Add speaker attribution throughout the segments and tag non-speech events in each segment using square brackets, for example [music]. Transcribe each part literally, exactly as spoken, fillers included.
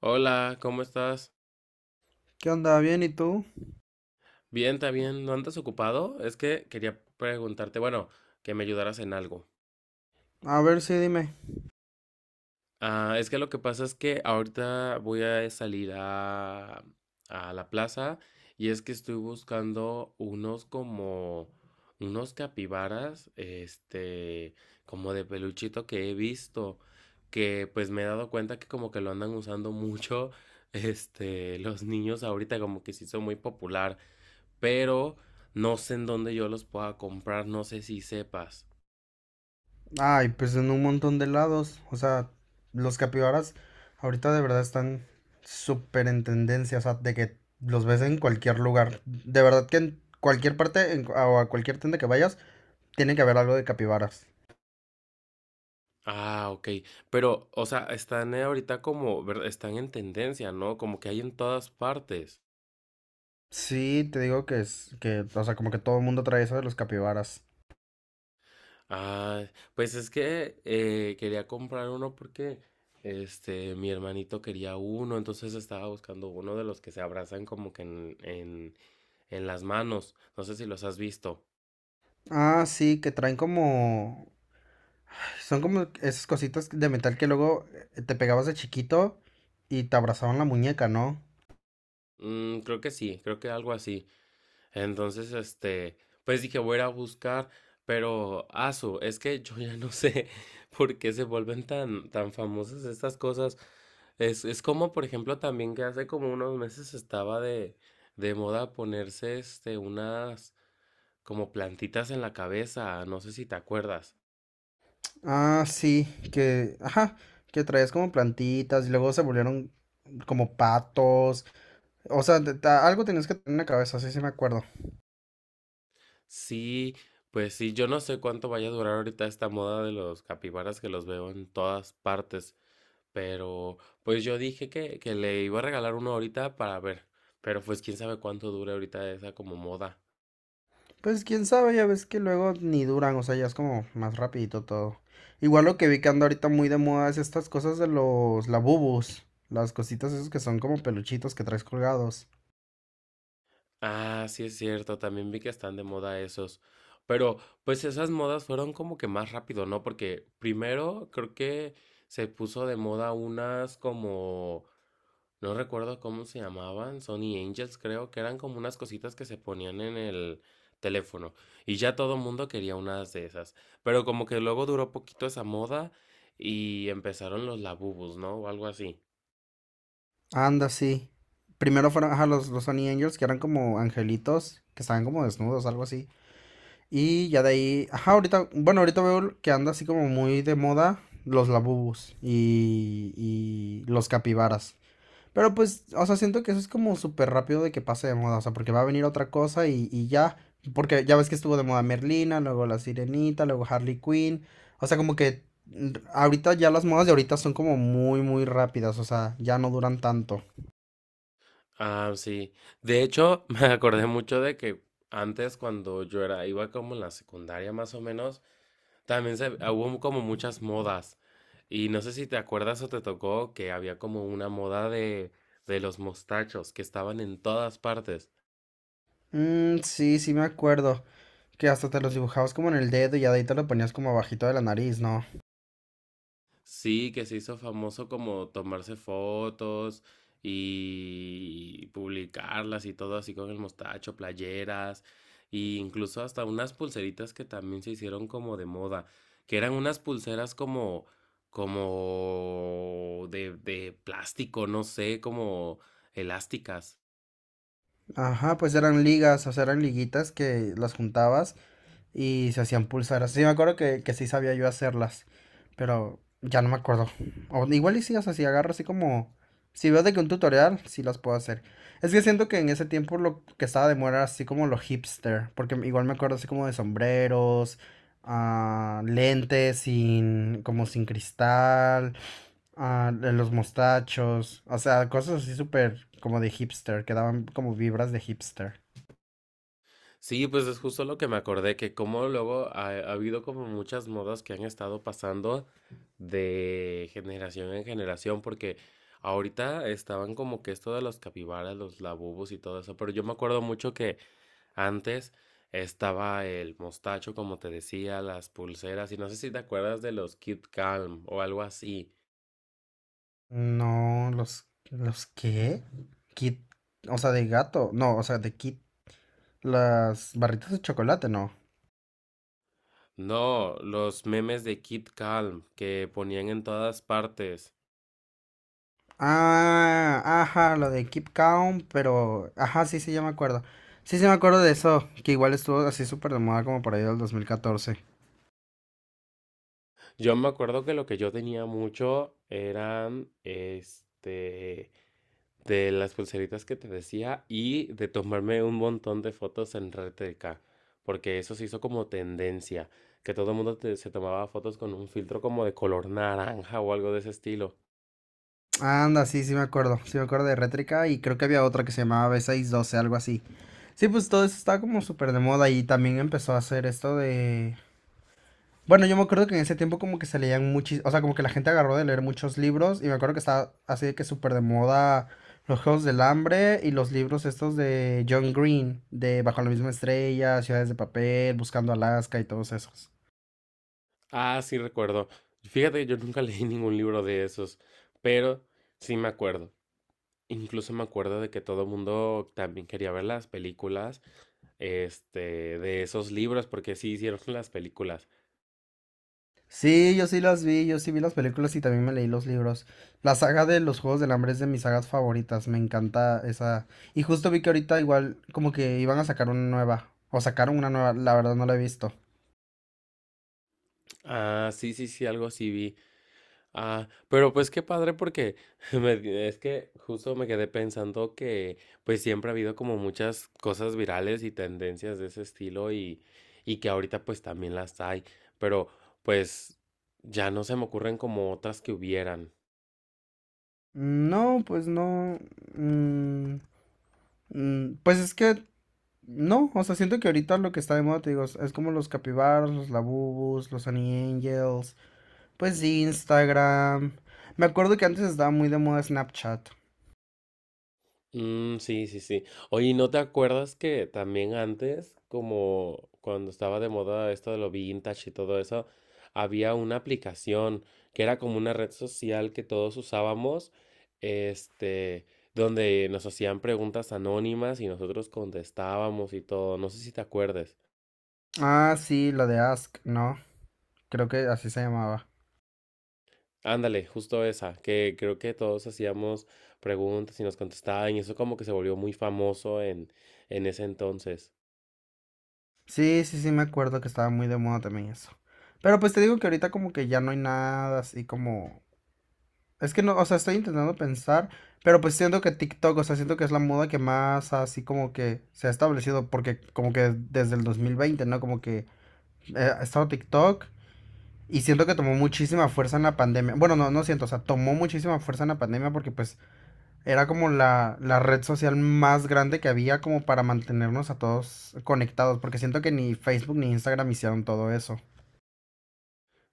Speaker 1: Hola, ¿cómo estás?
Speaker 2: ¿Qué onda? ¿Bien? ¿Y tú?
Speaker 1: Bien, también. ¿No andas ocupado? Es que quería preguntarte, bueno, que me ayudaras en algo.
Speaker 2: A ver, sí, dime.
Speaker 1: Ah, es que lo que pasa es que ahorita voy a salir a, a la plaza y es que estoy buscando unos como, unos capibaras, este, como de peluchito que he visto, que pues me he dado cuenta que como que lo andan usando mucho, [laughs] este, los niños ahorita como que se hizo muy popular. Pero no sé en dónde yo los pueda comprar, no sé si sepas.
Speaker 2: Ay, pues en un montón de lados. O sea, los capibaras ahorita de verdad están súper en tendencia. O sea, de que los ves en cualquier lugar. De verdad que en cualquier parte en cu- o a cualquier tienda que vayas, tiene que haber algo de capibaras.
Speaker 1: Ah, ok. Pero, o sea, están eh, ahorita como, ver- están en tendencia, ¿no? Como que hay en todas partes.
Speaker 2: Sí, te digo que es que, o sea, como que todo el mundo trae eso de los capibaras.
Speaker 1: Ah, pues es que eh, quería comprar uno porque, este, mi hermanito quería uno, entonces estaba buscando uno de los que se abrazan como que en, en, en las manos. No sé si los has visto.
Speaker 2: Ah, sí, que traen como... Son como esas cositas de metal que luego eh, te pegabas de chiquito y te abrazaban la muñeca, ¿no?
Speaker 1: Mm, creo que sí, creo que algo así. Entonces, este, pues dije, voy a ir a buscar, pero asu, es que yo ya no sé [laughs] por qué se vuelven tan, tan famosas estas cosas. Es, es como, por ejemplo, también que hace como unos meses estaba de, de moda ponerse este, unas como plantitas en la cabeza, no sé si te acuerdas.
Speaker 2: Ah, sí, que, ajá, que traías como plantitas y luego se volvieron como patos. O sea, te- ta- algo tenías que tener en la cabeza, sí, sí me acuerdo.
Speaker 1: Sí, pues sí, yo no sé cuánto vaya a durar ahorita esta moda de los capibaras que los veo en todas partes. Pero pues yo dije que, que le iba a regalar uno ahorita para ver. Pero pues quién sabe cuánto dure ahorita esa como moda.
Speaker 2: Pues quién sabe, ya ves que luego ni duran, o sea, ya es como más rapidito todo. Igual lo que vi que anda ahorita muy de moda es estas cosas de los labubus, las cositas esas que son como peluchitos que traes colgados.
Speaker 1: Ah, sí es cierto, también vi que están de moda esos. Pero pues esas modas fueron como que más rápido, ¿no? Porque primero creo que se puso de moda unas como no recuerdo cómo se llamaban, Sony Angels creo, que eran como unas cositas que se ponían en el teléfono y ya todo mundo quería unas de esas, pero como que luego duró poquito esa moda y empezaron los labubus, ¿no? O algo así.
Speaker 2: Anda, sí. Primero fueron, ajá, los, los Honey Angels, que eran como angelitos, que estaban como desnudos, algo así. Y ya de ahí, ajá, ahorita, bueno, ahorita veo que anda así como muy de moda los labubus y, y los capibaras. Pero pues, o sea, siento que eso es como súper rápido de que pase de moda, o sea, porque va a venir otra cosa y, y ya, porque ya ves que estuvo de moda Merlina, luego la Sirenita, luego Harley Quinn, o sea, como que mm, ahorita ya las modas de ahorita son como muy, muy rápidas, o sea, ya no duran tanto.
Speaker 1: Ah, sí. De hecho, [laughs] me acordé mucho de que antes cuando yo era, iba como en la secundaria más o menos, también se, hubo como muchas modas. Y no sé si te acuerdas o te tocó que había como una moda de, de los mostachos que estaban en todas partes.
Speaker 2: Mm, sí, sí me acuerdo, que hasta te los dibujabas como en el dedo y ya de ahí te lo ponías como abajito de la nariz, ¿no?
Speaker 1: Sí, que se hizo famoso como tomarse fotos y publicarlas y todo así con el mostacho, playeras, e incluso hasta unas pulseritas que también se hicieron como de moda, que eran unas pulseras como, como de, de plástico, no sé, como elásticas.
Speaker 2: Ajá, pues eran ligas, o sea, eran liguitas que las juntabas y se hacían pulseras. Sí, me acuerdo que, que sí sabía yo hacerlas, pero ya no me acuerdo. O igual y sí, o sea, si agarro así como... Si veo de que un tutorial, sí las puedo hacer. Es que siento que en ese tiempo lo que estaba de moda era así como lo hipster, porque igual me acuerdo así como de sombreros, ah, lentes sin, como sin cristal, ah, de los mostachos, o sea, cosas así súper como de hipster, que daban como vibras de hipster.
Speaker 1: Sí, pues es justo lo que me acordé, que como luego ha, ha habido como muchas modas que han estado pasando de generación en generación, porque ahorita estaban como que esto de los capibaras, los labubos y todo eso, pero yo me acuerdo mucho que antes estaba el mostacho, como te decía, las pulseras, y no sé si te acuerdas de los Kid Calm o algo así.
Speaker 2: No, los, ¿los qué? Kit, o sea, de gato, no, o sea, de Kit, las barritas de chocolate, no.
Speaker 1: No, los memes de Kid Calm que ponían en todas partes.
Speaker 2: Ah, ajá, lo de Keep Calm, pero, ajá, sí, sí, ya me acuerdo. Sí, sí, me acuerdo de eso, que igual estuvo así súper de moda como por ahí del dos mil catorce.
Speaker 1: Yo me acuerdo que lo que yo tenía mucho eran, este, de las pulseritas que te decía y de tomarme un montón de fotos en Red R T K, porque eso se hizo como tendencia, que todo el mundo te- se tomaba fotos con un filtro como de color naranja o algo de ese estilo.
Speaker 2: Anda, sí, sí me acuerdo, sí me acuerdo de Rétrica y creo que había otra que se llamaba B seis doce, algo así. Sí, pues todo eso estaba como súper de moda y también empezó a hacer esto de... Bueno, yo me acuerdo que en ese tiempo como que se leían muchos, o sea, como que la gente agarró de leer muchos libros y me acuerdo que estaba así de que súper de moda los Juegos del Hambre y los libros estos de John Green, de Bajo la Misma Estrella, Ciudades de Papel, Buscando Alaska y todos esos.
Speaker 1: Ah, sí recuerdo. Fíjate que yo nunca [laughs] leí ningún libro de esos, pero sí me acuerdo. Incluso me acuerdo de que todo el mundo también quería ver las películas, este, de esos libros, porque sí hicieron [laughs] las películas.
Speaker 2: Sí, yo sí las vi, yo sí vi las películas y también me leí los libros. La saga de los Juegos del Hambre es de mis sagas favoritas, me encanta esa. Y justo vi que ahorita igual como que iban a sacar una nueva, o sacaron una nueva, la verdad no la he visto.
Speaker 1: Ah, sí, sí, sí, algo así vi. Ah, pero pues qué padre porque [laughs] me- es que justo me quedé pensando que pues siempre ha habido como muchas cosas virales y tendencias de ese estilo y, y que ahorita pues también las hay, pero pues ya no se me ocurren como otras que hubieran.
Speaker 2: No, pues no. mm, mm, pues es que no, o sea, siento que ahorita lo que está de moda, te digo, es es como los capibaras, los labubus, los Honey Angels, pues Instagram. Me acuerdo que antes estaba muy de moda Snapchat.
Speaker 1: Mm, sí, sí, sí. Oye, ¿no te acuerdas que también antes, como cuando estaba de moda esto de lo vintage y todo eso, había una aplicación que era como una red social que todos usábamos, este, donde nos hacían preguntas anónimas y nosotros contestábamos y todo. No sé si te acuerdes.
Speaker 2: Ah, sí, la de Ask, ¿no? Creo que así se llamaba.
Speaker 1: Ándale, justo esa, que creo que todos hacíamos preguntas y nos contestaban y eso como que se volvió muy famoso en, en ese entonces.
Speaker 2: Sí, sí, sí, me acuerdo que estaba muy de moda también eso. Pero pues te digo que ahorita como que ya no hay nada así como... Es que no, o sea, estoy intentando pensar, pero pues siento que TikTok, o sea, siento que es la moda que más así como que se ha establecido, porque como que desde el dos mil veinte, ¿no? Como que eh, ha estado TikTok y siento que tomó muchísima fuerza en la pandemia. Bueno, no, no siento, o sea, tomó muchísima fuerza en la pandemia porque pues era como la, la red social más grande que había como para mantenernos a todos conectados, porque siento que ni Facebook ni Instagram hicieron todo eso.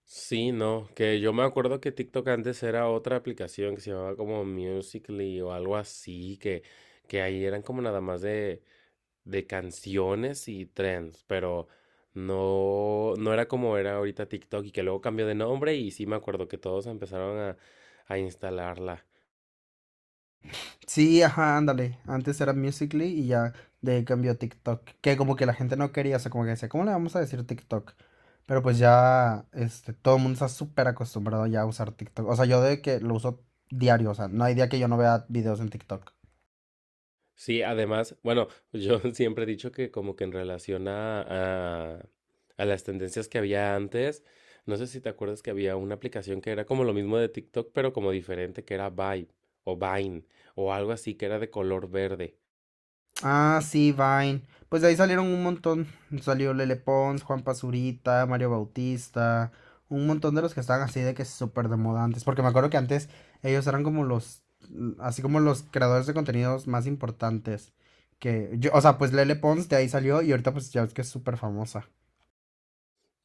Speaker 1: Sí, no, que yo me acuerdo que TikTok antes era otra aplicación que se llamaba como Musical.ly o algo así, que, que ahí eran como nada más de, de canciones y trends, pero no, no era como era ahorita TikTok y que luego cambió de nombre y sí me acuerdo que todos empezaron a, a instalarla.
Speaker 2: Sí, ajá, ándale. Antes era Musical.ly y ya de ahí cambió a TikTok, que como que la gente no quería, o sea, como que decía, ¿cómo le vamos a decir TikTok? Pero pues ya, este, todo el mundo está súper acostumbrado ya a usar TikTok. O sea, yo de que lo uso diario, o sea, no hay día que yo no vea videos en TikTok.
Speaker 1: Sí, además, bueno, yo [laughs] siempre he dicho que como que en relación a, a, a las tendencias que había antes, no sé si te acuerdas que había una aplicación que era como lo mismo de TikTok, pero como diferente, que era Vibe o Vine o algo así que era de color verde.
Speaker 2: Ah, sí, Vine. Pues de ahí salieron un montón. Salió Lele Pons, Juan Pazurita, Mario Bautista, un montón de los que estaban así de que súper de moda antes. Porque me acuerdo que antes ellos eran como los, mm, así como los creadores de contenidos más importantes. Que yo, o sea, pues Lele Pons de ahí salió y ahorita pues ya ves que es súper famosa.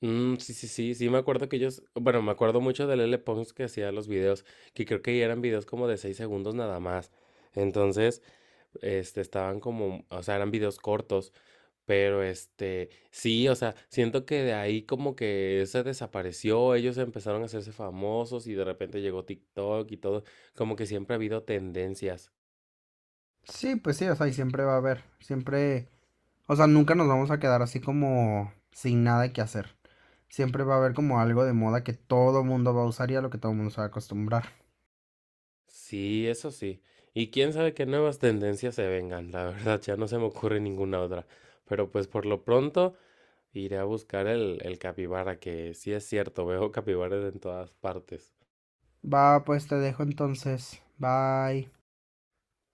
Speaker 1: Mm, sí, sí, sí, sí, me acuerdo que ellos, bueno, me acuerdo mucho del L. Pons que hacía los videos, que creo que eran videos como de seis segundos nada más. Entonces, este, estaban como, o sea, eran videos cortos. Pero este, sí, o sea, siento que de ahí como que se desapareció, ellos empezaron a hacerse famosos y de repente llegó TikTok y todo, como que siempre ha habido tendencias.
Speaker 2: Sí, pues sí, o sea, y siempre va a haber, siempre, o sea, nunca nos vamos a quedar así como sin nada que hacer. Siempre va a haber como algo de moda que todo mundo va a usar y a lo que todo mundo se va a acostumbrar.
Speaker 1: Sí, eso sí. Y quién sabe qué nuevas tendencias se vengan, la [laughs] verdad, ya no se me ocurre ninguna otra. Pero pues por lo pronto iré a buscar el, el capibara, que sí es cierto, veo capibaras en todas partes.
Speaker 2: Va, pues te dejo entonces. Bye.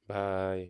Speaker 1: Bye.